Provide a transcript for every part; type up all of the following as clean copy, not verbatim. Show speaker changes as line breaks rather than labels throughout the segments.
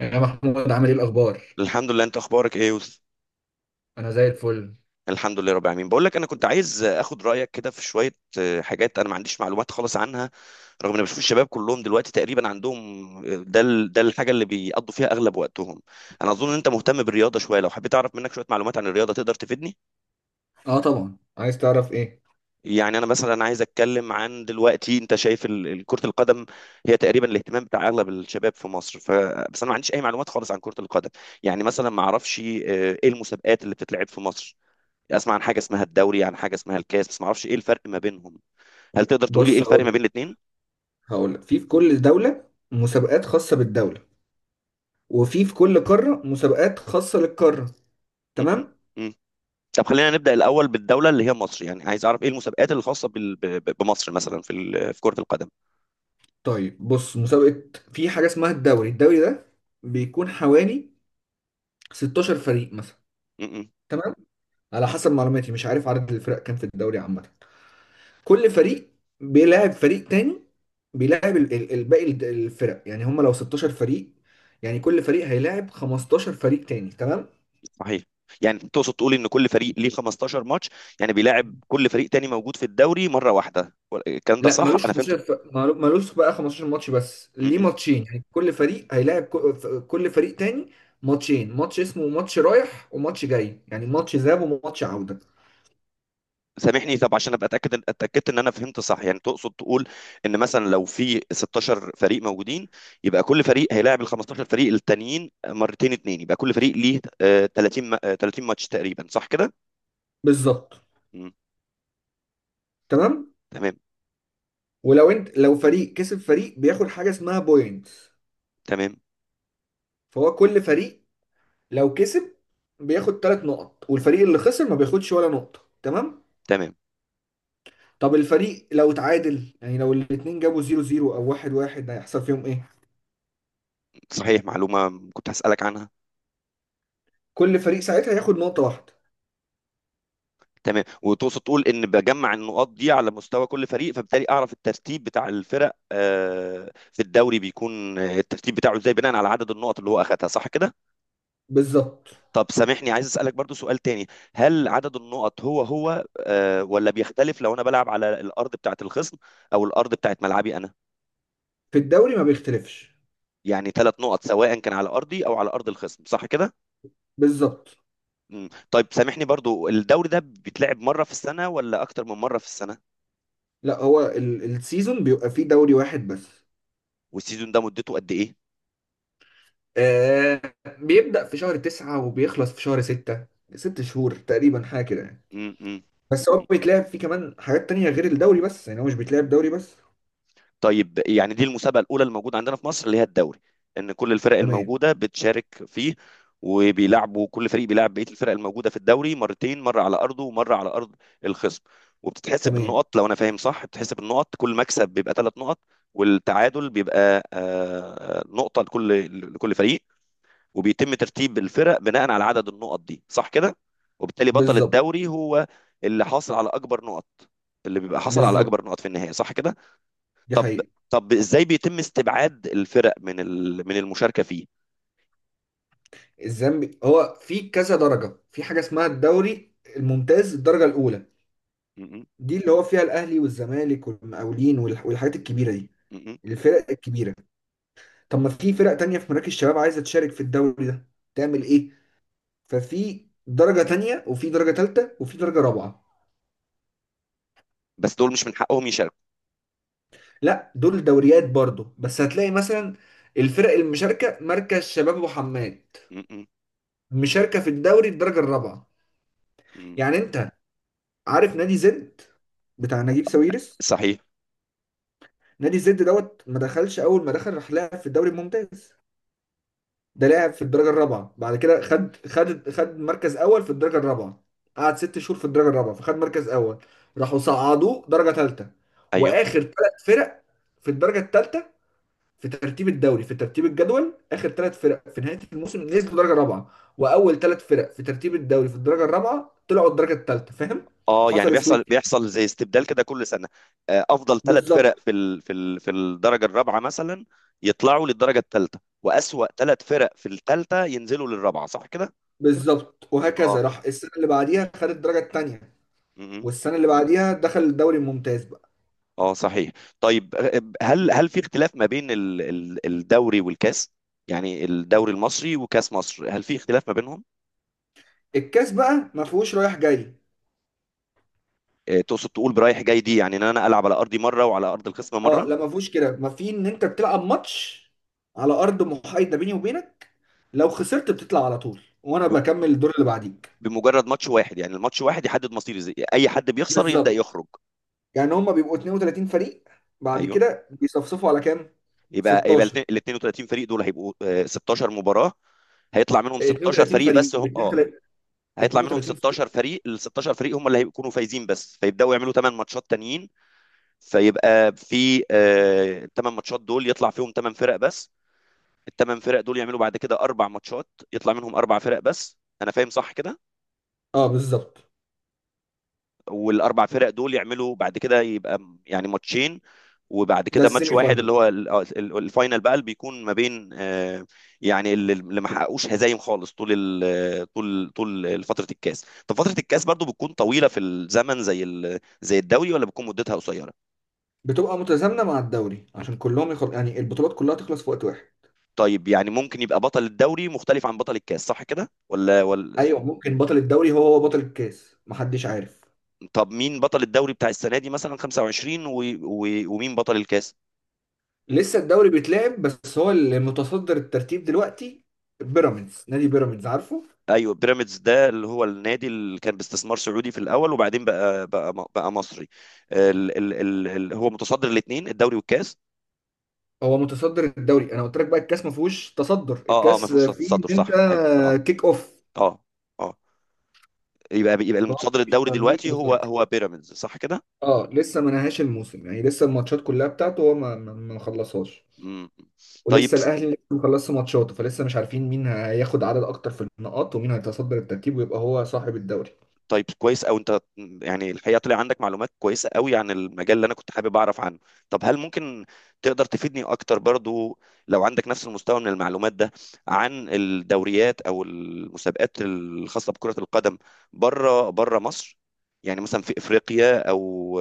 يا محمود عامل ايه الاخبار؟
الحمد لله. انت اخبارك ايه يا يوسف؟
انا زي الفل.
الحمد لله رب العالمين. بقول لك، انا كنت عايز اخد رايك كده في شويه حاجات انا ما عنديش معلومات خالص عنها، رغم ان بشوف الشباب كلهم دلوقتي تقريبا عندهم. ده الحاجه اللي بيقضوا فيها اغلب وقتهم. انا اظن ان انت مهتم بالرياضه شويه، لو حبيت اعرف منك شويه معلومات عن الرياضه تقدر تفيدني؟
اه طبعا، عايز تعرف ايه؟
يعني انا مثلا عايز اتكلم عن دلوقتي. انت شايف كره القدم هي تقريبا الاهتمام بتاع اغلب الشباب في مصر، ف بس انا ما عنديش اي معلومات خالص عن كره القدم. يعني مثلا ما اعرفش ايه المسابقات اللي بتتلعب في مصر. اسمع عن حاجه اسمها الدوري، عن حاجه اسمها الكاس، بس ما اعرفش ايه الفرق ما بينهم. هل تقدر تقول لي ايه
بص،
الفرق
هقول
ما بين
لك
الاثنين؟
هقول لك في كل دوله مسابقات خاصه بالدوله، وفي كل قاره مسابقات خاصه للقاره، تمام؟
طب خلينا نبدا الاول بالدوله اللي هي مصر. يعني عايز اعرف ايه المسابقات الخاصه بمصر مثلا في كره القدم.
طيب بص، مسابقه، في حاجه اسمها الدوري. الدوري ده بيكون حوالي 16 فريق مثلا،
م.
تمام. على حسب معلوماتي، مش عارف عدد الفرق كام في الدوري عامه. كل فريق بيلاعب فريق تاني، بيلاعب الفرق، يعني هم لو 16 فريق يعني كل فريق هيلاعب 15 فريق تاني، تمام.
صحيح. يعني تقصد تقول ان كل فريق ليه 15 ماتش؟ يعني بيلاعب كل فريق تاني موجود في الدوري مره واحده الكلام ده
لا،
صح
ملوش
انا فهمت؟
15 ملوش بقى 15 ماتش، بس ليه
م-
ماتشين. يعني كل فريق هيلاعب كل فريق تاني ماتشين. ماتش اسمه ماتش رايح وماتش جاي، يعني ماتش ذهاب وماتش عودة.
سامحني. طب عشان ابقى اتاكدت ان انا فهمت صح. يعني تقصد تقول ان مثلا لو في 16 فريق موجودين، يبقى كل فريق هيلاعب ال 15 فريق التانيين مرتين اتنين، يبقى كل فريق ليه 30 30 ماتش تقريبا، صح كده؟
بالظبط،
مم.
تمام.
تمام.
ولو انت، لو فريق كسب فريق، بياخد حاجة اسمها بوينت،
تمام.
فهو كل فريق لو كسب بياخد ثلاث نقط، والفريق اللي خسر ما بياخدش ولا نقطة، تمام.
تمام.
طب الفريق لو اتعادل، يعني لو الاتنين جابوا زيرو زيرو او واحد واحد، هيحصل فيهم ايه؟
صحيح، معلومه كنت هسالك عنها.
كل فريق ساعتها هياخد نقطة واحدة.
تمام. وتقصد تقول ان بجمع النقاط دي على مستوى كل فريق، فبالتالي اعرف الترتيب بتاع الفرق في الدوري. بيكون الترتيب بتاعه ازاي بناء على عدد النقط اللي هو اخذها، صح كده؟
بالظبط.
طب سامحني، عايز اسالك برضو سؤال تاني. هل عدد النقط هو هو ولا بيختلف لو انا بلعب على الارض بتاعه الخصم او الارض بتاعه ملعبي انا؟
في الدوري ما بيختلفش.
يعني ثلاث نقط سواء كان على ارضي او على ارض الخصم، صح كده؟
بالظبط.
مم. طيب سامحني، برضو الدوري ده بيتلعب مره في السنه ولا اكتر من مره في السنه؟
لا، هو السيزون بيبقى فيه دوري واحد بس.
والسيزون ده مدته قد ايه؟
آه، بيبدأ في شهر تسعة وبيخلص في شهر ستة، ست شهور تقريبا حاجة كده يعني.
امم.
بس هو بيتلعب فيه كمان حاجات تانية غير الدوري بس، يعني هو مش بيتلعب دوري بس.
طيب يعني دي المسابقة الأولى اللي موجودة عندنا في مصر، اللي هي الدوري، إن كل الفرق
تمام،
الموجودة بتشارك فيه. وبيلعبوا كل فريق بيلعب بقية الفرق الموجودة في الدوري مرتين، مرة على أرضه ومرة على أرض الخصم. وبتتحسب
تمام.
بالنقط. لو أنا فاهم صح، بتتحسب النقط كل مكسب بيبقى 3 نقط، والتعادل بيبقى نقطة لكل فريق. وبيتم ترتيب الفرق بناء على عدد النقط دي، صح كده؟ وبالتالي بطل
بالظبط.
الدوري هو اللي حاصل على أكبر نقط، اللي بيبقى حاصل على
بالظبط،
أكبر نقط في النهاية، صح كده؟
دي
طب
حقيقة.
طب ازاي بيتم استبعاد الفرق من المشاركه فيه؟
الذنب هو في كذا درجة. في حاجة اسمها الدوري الممتاز، الدرجة الأولى،
م-
دي اللي هو فيها الأهلي والزمالك والمقاولين والحاجات الكبيرة دي،
م-
الفرق الكبيرة. طب ما في فرق تانية في مراكز الشباب عايزة تشارك في الدوري ده، تعمل
م-
إيه؟ ففي درجة تانية وفي درجة تالتة وفي درجة رابعة.
بس دول مش من حقهم يشاركوا؟
لا، دول دوريات برضه، بس هتلاقي مثلا الفرق المشاركة مركز شباب وحماد
م- م-
مشاركة في الدوري الدرجة الرابعة.
م.
يعني انت عارف نادي زد بتاع نجيب ساويرس؟
صحيح.
نادي زد دوت ما دخلش اول ما دخل راح لعب في الدوري الممتاز، ده لعب في الدرجه الرابعه. بعد كده خد مركز اول في الدرجه الرابعه، قعد ست شهور في الدرجه الرابعه فخد مركز اول، راحوا صعدوه درجه ثالثه.
ايوه.
واخر ثلاث فرق في الدرجه الثالثه في ترتيب الدوري، في ترتيب الجدول، اخر ثلاث فرق في نهايه الموسم نزلوا درجه رابعه، واول ثلاث فرق في ترتيب الدوري في الدرجه الرابعه طلعوا الدرجه الثالثه، فاهم؟
اه، يعني
حصل
بيحصل،
سويتش.
زي استبدال كده كل سنه. افضل 3 فرق
بالظبط.
في الدرجه الرابعه مثلا يطلعوا للدرجه الثالثه، واسوأ 3 فرق في الثالثه ينزلوا للرابعه، صح كده؟
بالظبط، وهكذا. راح السنه اللي بعديها خد الدرجه الثانيه،
اه.
والسنه اللي بعديها دخل الدوري الممتاز بقى.
اه. صحيح. طيب. هل في اختلاف ما بين الدوري والكاس؟ يعني الدوري المصري وكاس مصر، هل في اختلاف ما بينهم؟
الكاس بقى ما فيهوش رايح جاي.
تقصد تقول برايح جاي دي، يعني ان انا العب على ارضي مره وعلى ارض الخصم
اه
مره؟
لا، ما فيهوش كده، ما في ان انت بتلعب ماتش على ارض محايده بيني وبينك. لو خسرت بتطلع على طول وانا
بم-
بكمل الدور اللي بعديك.
بمجرد ماتش واحد، يعني الماتش واحد يحدد مصيري زي اي حد بيخسر يبدا
بالظبط.
يخرج؟
يعني هما بيبقوا 32 فريق، بعد
ايوه.
كده بيصفصفوا على كام؟
يبقى
16.
ال 32 فريق دول هيبقوا 16 مباراه؟ هيطلع منهم 16
32
فريق بس،
فريق ب
هم
32،
هيطلع منهم
32 فريق.
16 فريق. ال 16 فريق هم اللي هيكونوا فايزين بس، فيبداوا يعملوا 8 ماتشات تانيين. فيبقى في الثمان ماتشات دول يطلع فيهم ثمان فرق بس. الثمان فرق دول يعملوا بعد كده 4 ماتشات يطلع منهم 4 فرق بس، انا فاهم صح كده؟
اه بالظبط.
والاربع فرق دول يعملوا بعد كده يبقى يعني ماتشين، وبعد
ده
كده ماتش
السيمي
واحد،
فاينل.
اللي هو ال- آه، ال- الفاينل بقى، اللي بيكون ما بين يعني اللي ما حققوش هزايم خالص طول طول فترة الكاس. طب فترة الكاس برضو بتكون طويلة في الزمن زي زي الدوري ولا بتكون مدتها قصيرة؟
بتبقى متزامنه مع الدوري عشان كلهم يعني البطولات كلها تخلص في وقت واحد.
طيب يعني ممكن يبقى بطل الدوري مختلف عن بطل الكاس، صح كده ولا؟
ايوه ممكن، بطل الدوري هو هو بطل الكاس، محدش عارف.
طب مين بطل الدوري بتاع السنة دي مثلا 25 و... ومين بطل الكاس؟
لسه الدوري بيتلعب، بس هو المتصدر الترتيب دلوقتي بيراميدز، نادي بيراميدز، عارفه؟
ايوه، بيراميدز ده اللي هو النادي اللي كان باستثمار سعودي في الاول، وبعدين بقى مصري. ال... ال... ال... هو متصدر الاثنين الدوري والكاس؟
هو متصدر الدوري، انا قلت لك بقى الكاس ما فيهوش تصدر،
اه. اه، ما
الكاس
فيهوش
فيه ان
تصدر،
انت
صح. ايوه. اه.
كيك اوف.
اه. اه. يبقى
فهو
المتصدر
مفيش
الدوري
تنظيم
دلوقتي هو
متصدر.
هو بيراميدز، صح كده؟
اه لسه ما نهاش الموسم، يعني لسه الماتشات كلها بتاعته هو ما خلصهاش،
امم. طيب
ولسه الاهلي لسه مخلصش ماتشاته، فلسه مش عارفين مين هياخد عدد اكتر في النقاط ومين هيتصدر الترتيب ويبقى هو صاحب الدوري.
طيب كويس. او انت، يعني الحقيقه طلع عندك معلومات كويسه قوي عن المجال اللي انا كنت حابب اعرف عنه. طب هل ممكن تقدر تفيدني اكتر برضو لو عندك نفس المستوى من المعلومات ده عن الدوريات او المسابقات الخاصه بكره القدم بره بره مصر؟ يعني مثلا في افريقيا او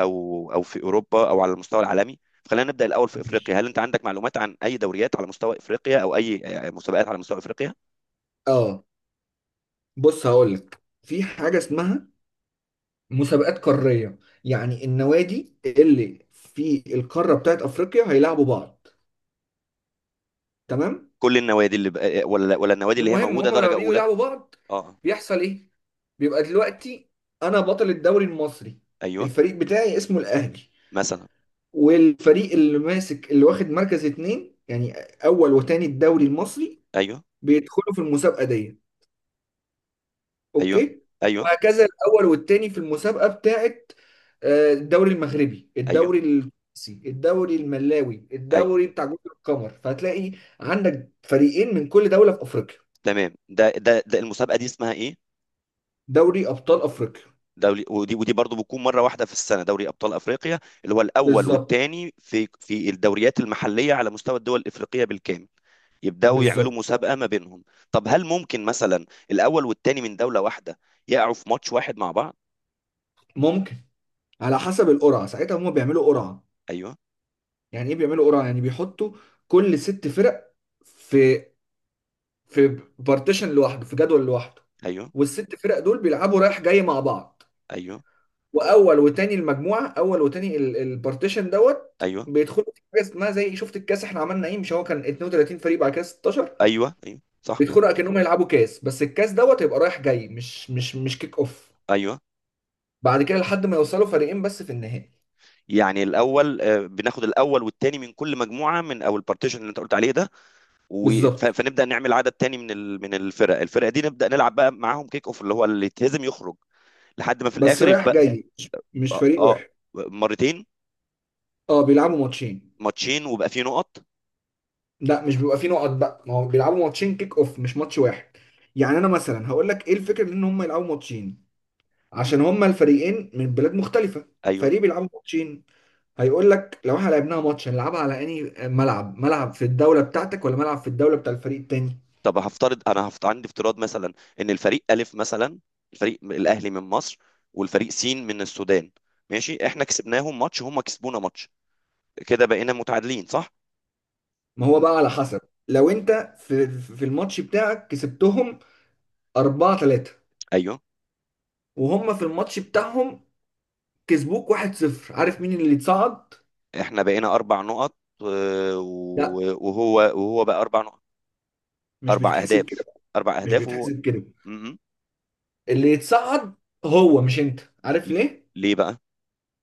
او او في اوروبا او على المستوى العالمي. خلينا نبدا الاول في
ماشي.
افريقيا. هل انت عندك معلومات عن اي دوريات على مستوى افريقيا او اي مسابقات على مستوى افريقيا؟
اه، بص هقول لك، في حاجه اسمها مسابقات قاريه، يعني النوادي اللي في القاره بتاعت افريقيا هيلاعبوا بعض، تمام.
كل النوادي اللي بقى ولا النوادي اللي هي
المهم
موجوده
هم لما
درجه
بييجوا
اولى؟
يلعبوا بعض
اه.
بيحصل ايه؟ بيبقى دلوقتي انا بطل الدوري المصري،
ايوه.
الفريق بتاعي اسمه الاهلي،
مثلا.
والفريق اللي ماسك، اللي واخد مركز اتنين، يعني اول وتاني الدوري المصري،
ايوه.
بيدخلوا في المسابقه دي،
ايوه.
اوكي؟
ايوه.
وهكذا، الاول والتاني في المسابقه بتاعت الدوري المغربي،
ايوه.
الدوري التونسي، الدوري الملاوي،
ايوه.
الدوري بتاع جزر القمر، فهتلاقي عندك فريقين من كل دوله في افريقيا.
تمام. ده المسابقه دي اسمها ايه؟
دوري ابطال افريقيا.
دوري ودي برضو بتكون مره واحده في السنه؟ دوري ابطال افريقيا، اللي هو الاول
بالظبط.
والثاني في الدوريات المحليه على مستوى الدول الافريقيه بالكامل، يبداوا يعملوا
بالظبط.
مسابقه ما بينهم؟ طب هل ممكن مثلا الاول والثاني من دوله واحده يقعوا في ماتش واحد مع بعض؟
ممكن، على حسب القرعه. ساعتها هم بيعملوا قرعه.
ايوه.
يعني ايه بيعملوا قرعه؟ يعني بيحطوا كل ست فرق في بارتيشن لوحده، في جدول لوحده،
ايوه.
والست فرق دول بيلعبوا رايح جاي مع بعض،
ايوه.
واول وتاني المجموعه، اول وتاني البارتيشن دوت
ايوه.
بيدخلوا في حاجه اسمها زي، شفت الكاس احنا عملنا ايه؟ مش هو كان 32 فريق بعد كده 16؟
ايوه. ايوه. صح.
بيدخلوا اكنهم هيلعبوا كاس، بس الكاس دوت هيبقى رايح جاي، مش كيك اوف.
ايوه.
بعد كده لحد ما يوصلوا فريقين بس في النهائي.
يعني الاول بناخد الاول والثاني من كل مجموعه، من او البارتيشن اللي انت قلت عليه ده،
بالظبط،
فنبدا نعمل عدد تاني من الفرقه دي نبدا نلعب بقى معاهم كيك اوف، اللي هو اللي يتهزم يخرج. لحد ما في
بس
الاخر
رايح
يبقى
جاي، مش
اه
فريق
آه،
واحد.
مرتين.
اه، بيلعبوا ماتشين.
ماتشين، وبقى فيه نقط؟
لا، مش بيبقى فيه نقط بقى، ما هو بيلعبوا ماتشين كيك اوف، مش ماتش واحد. يعني انا مثلا هقول لك ايه الفكره من ان هم يلعبوا ماتشين. عشان هم الفريقين من بلاد مختلفه،
ايوه.
فريق بيلعبوا ماتشين، هيقول لك لو احنا لعبناها ماتش هنلعبها على انهي ملعب؟ ملعب في الدوله بتاعتك ولا ملعب في الدوله بتاع الفريق التاني؟
طب هفترض، انا عندي افتراض مثلا، ان الفريق الف مثلا، الفريق الاهلي من مصر، والفريق سين من السودان. ماشي، احنا كسبناهم ماتش، هم كسبونا ماتش، كده بقينا متعادلين، صح؟
ما هو
ن-
بقى على حسب، لو انت في الماتش بتاعك كسبتهم 4-3،
ايوه،
وهم في الماتش بتاعهم كسبوك 1-0، عارف مين اللي اتصعد؟
احنا بقينا 4 نقط
لا،
وهو بقى 4 نقط.
مش
اربع
بتتحسب
اهداف.
كده بقى،
اربع
مش
اهداف وهو.
بتتحسب كده.
مهم.
اللي يتصعد هو، مش انت، عارف ليه؟
ليه بقى؟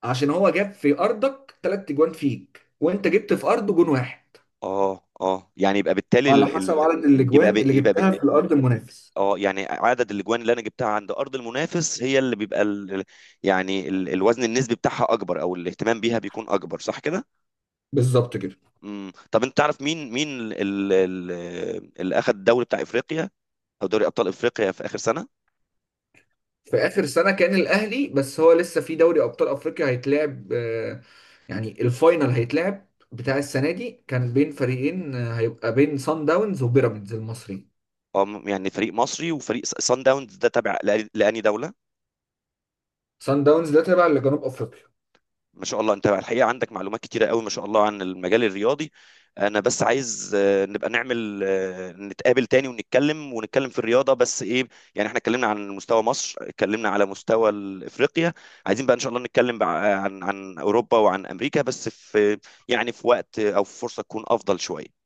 عشان هو جاب في ارضك ثلاث اجوان فيك، وانت جبت في ارضه جون واحد.
اه. اه، يعني يبقى بالتالي
على حسب عدد
يبقى
الاجوان
ب...
اللي
يبقى ب...
جبتها في الارض المنافس.
اه، يعني عدد الاجوان اللي انا جبتها عند ارض المنافس هي اللي بيبقى يعني الوزن النسبي بتاعها اكبر، او الاهتمام بيها بيكون اكبر، صح كده؟
بالظبط كده.
امم. طب انت تعرف مين اللي اخذ الدوري بتاع افريقيا، او دوري ابطال افريقيا، في اخر سنة؟
في اخر سنه كان الاهلي، بس هو لسه في دوري ابطال افريقيا هيتلعب. آه، يعني الفاينل هيتلعب بتاع السنه دي كان بين فريقين، آه، هيبقى بين سان داونز وبيراميدز المصري.
اه. يعني فريق مصري وفريق سان داونز، ده تابع لاني دولة؟
سان داونز ده تابع لجنوب افريقيا.
ما شاء الله، انت الحقيقه عندك معلومات كتيره قوي، ما شاء الله، عن المجال الرياضي. انا بس عايز نبقى نعمل نتقابل تاني ونتكلم في الرياضه، بس ايه، يعني احنا اتكلمنا عن مستوى مصر، اتكلمنا على مستوى افريقيا، عايزين بقى ان شاء الله نتكلم بقى عن اوروبا وعن امريكا، بس في، يعني في وقت او في فرصه تكون افضل شويه.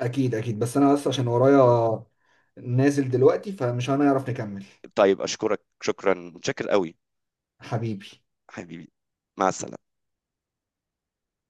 اكيد، اكيد، بس انا بس عشان ورايا، نازل دلوقتي فمش هنعرف نكمل.
طيب، اشكرك. شكرا، متشكر قوي.
حبيبي.
حبيبي. مع السلامه.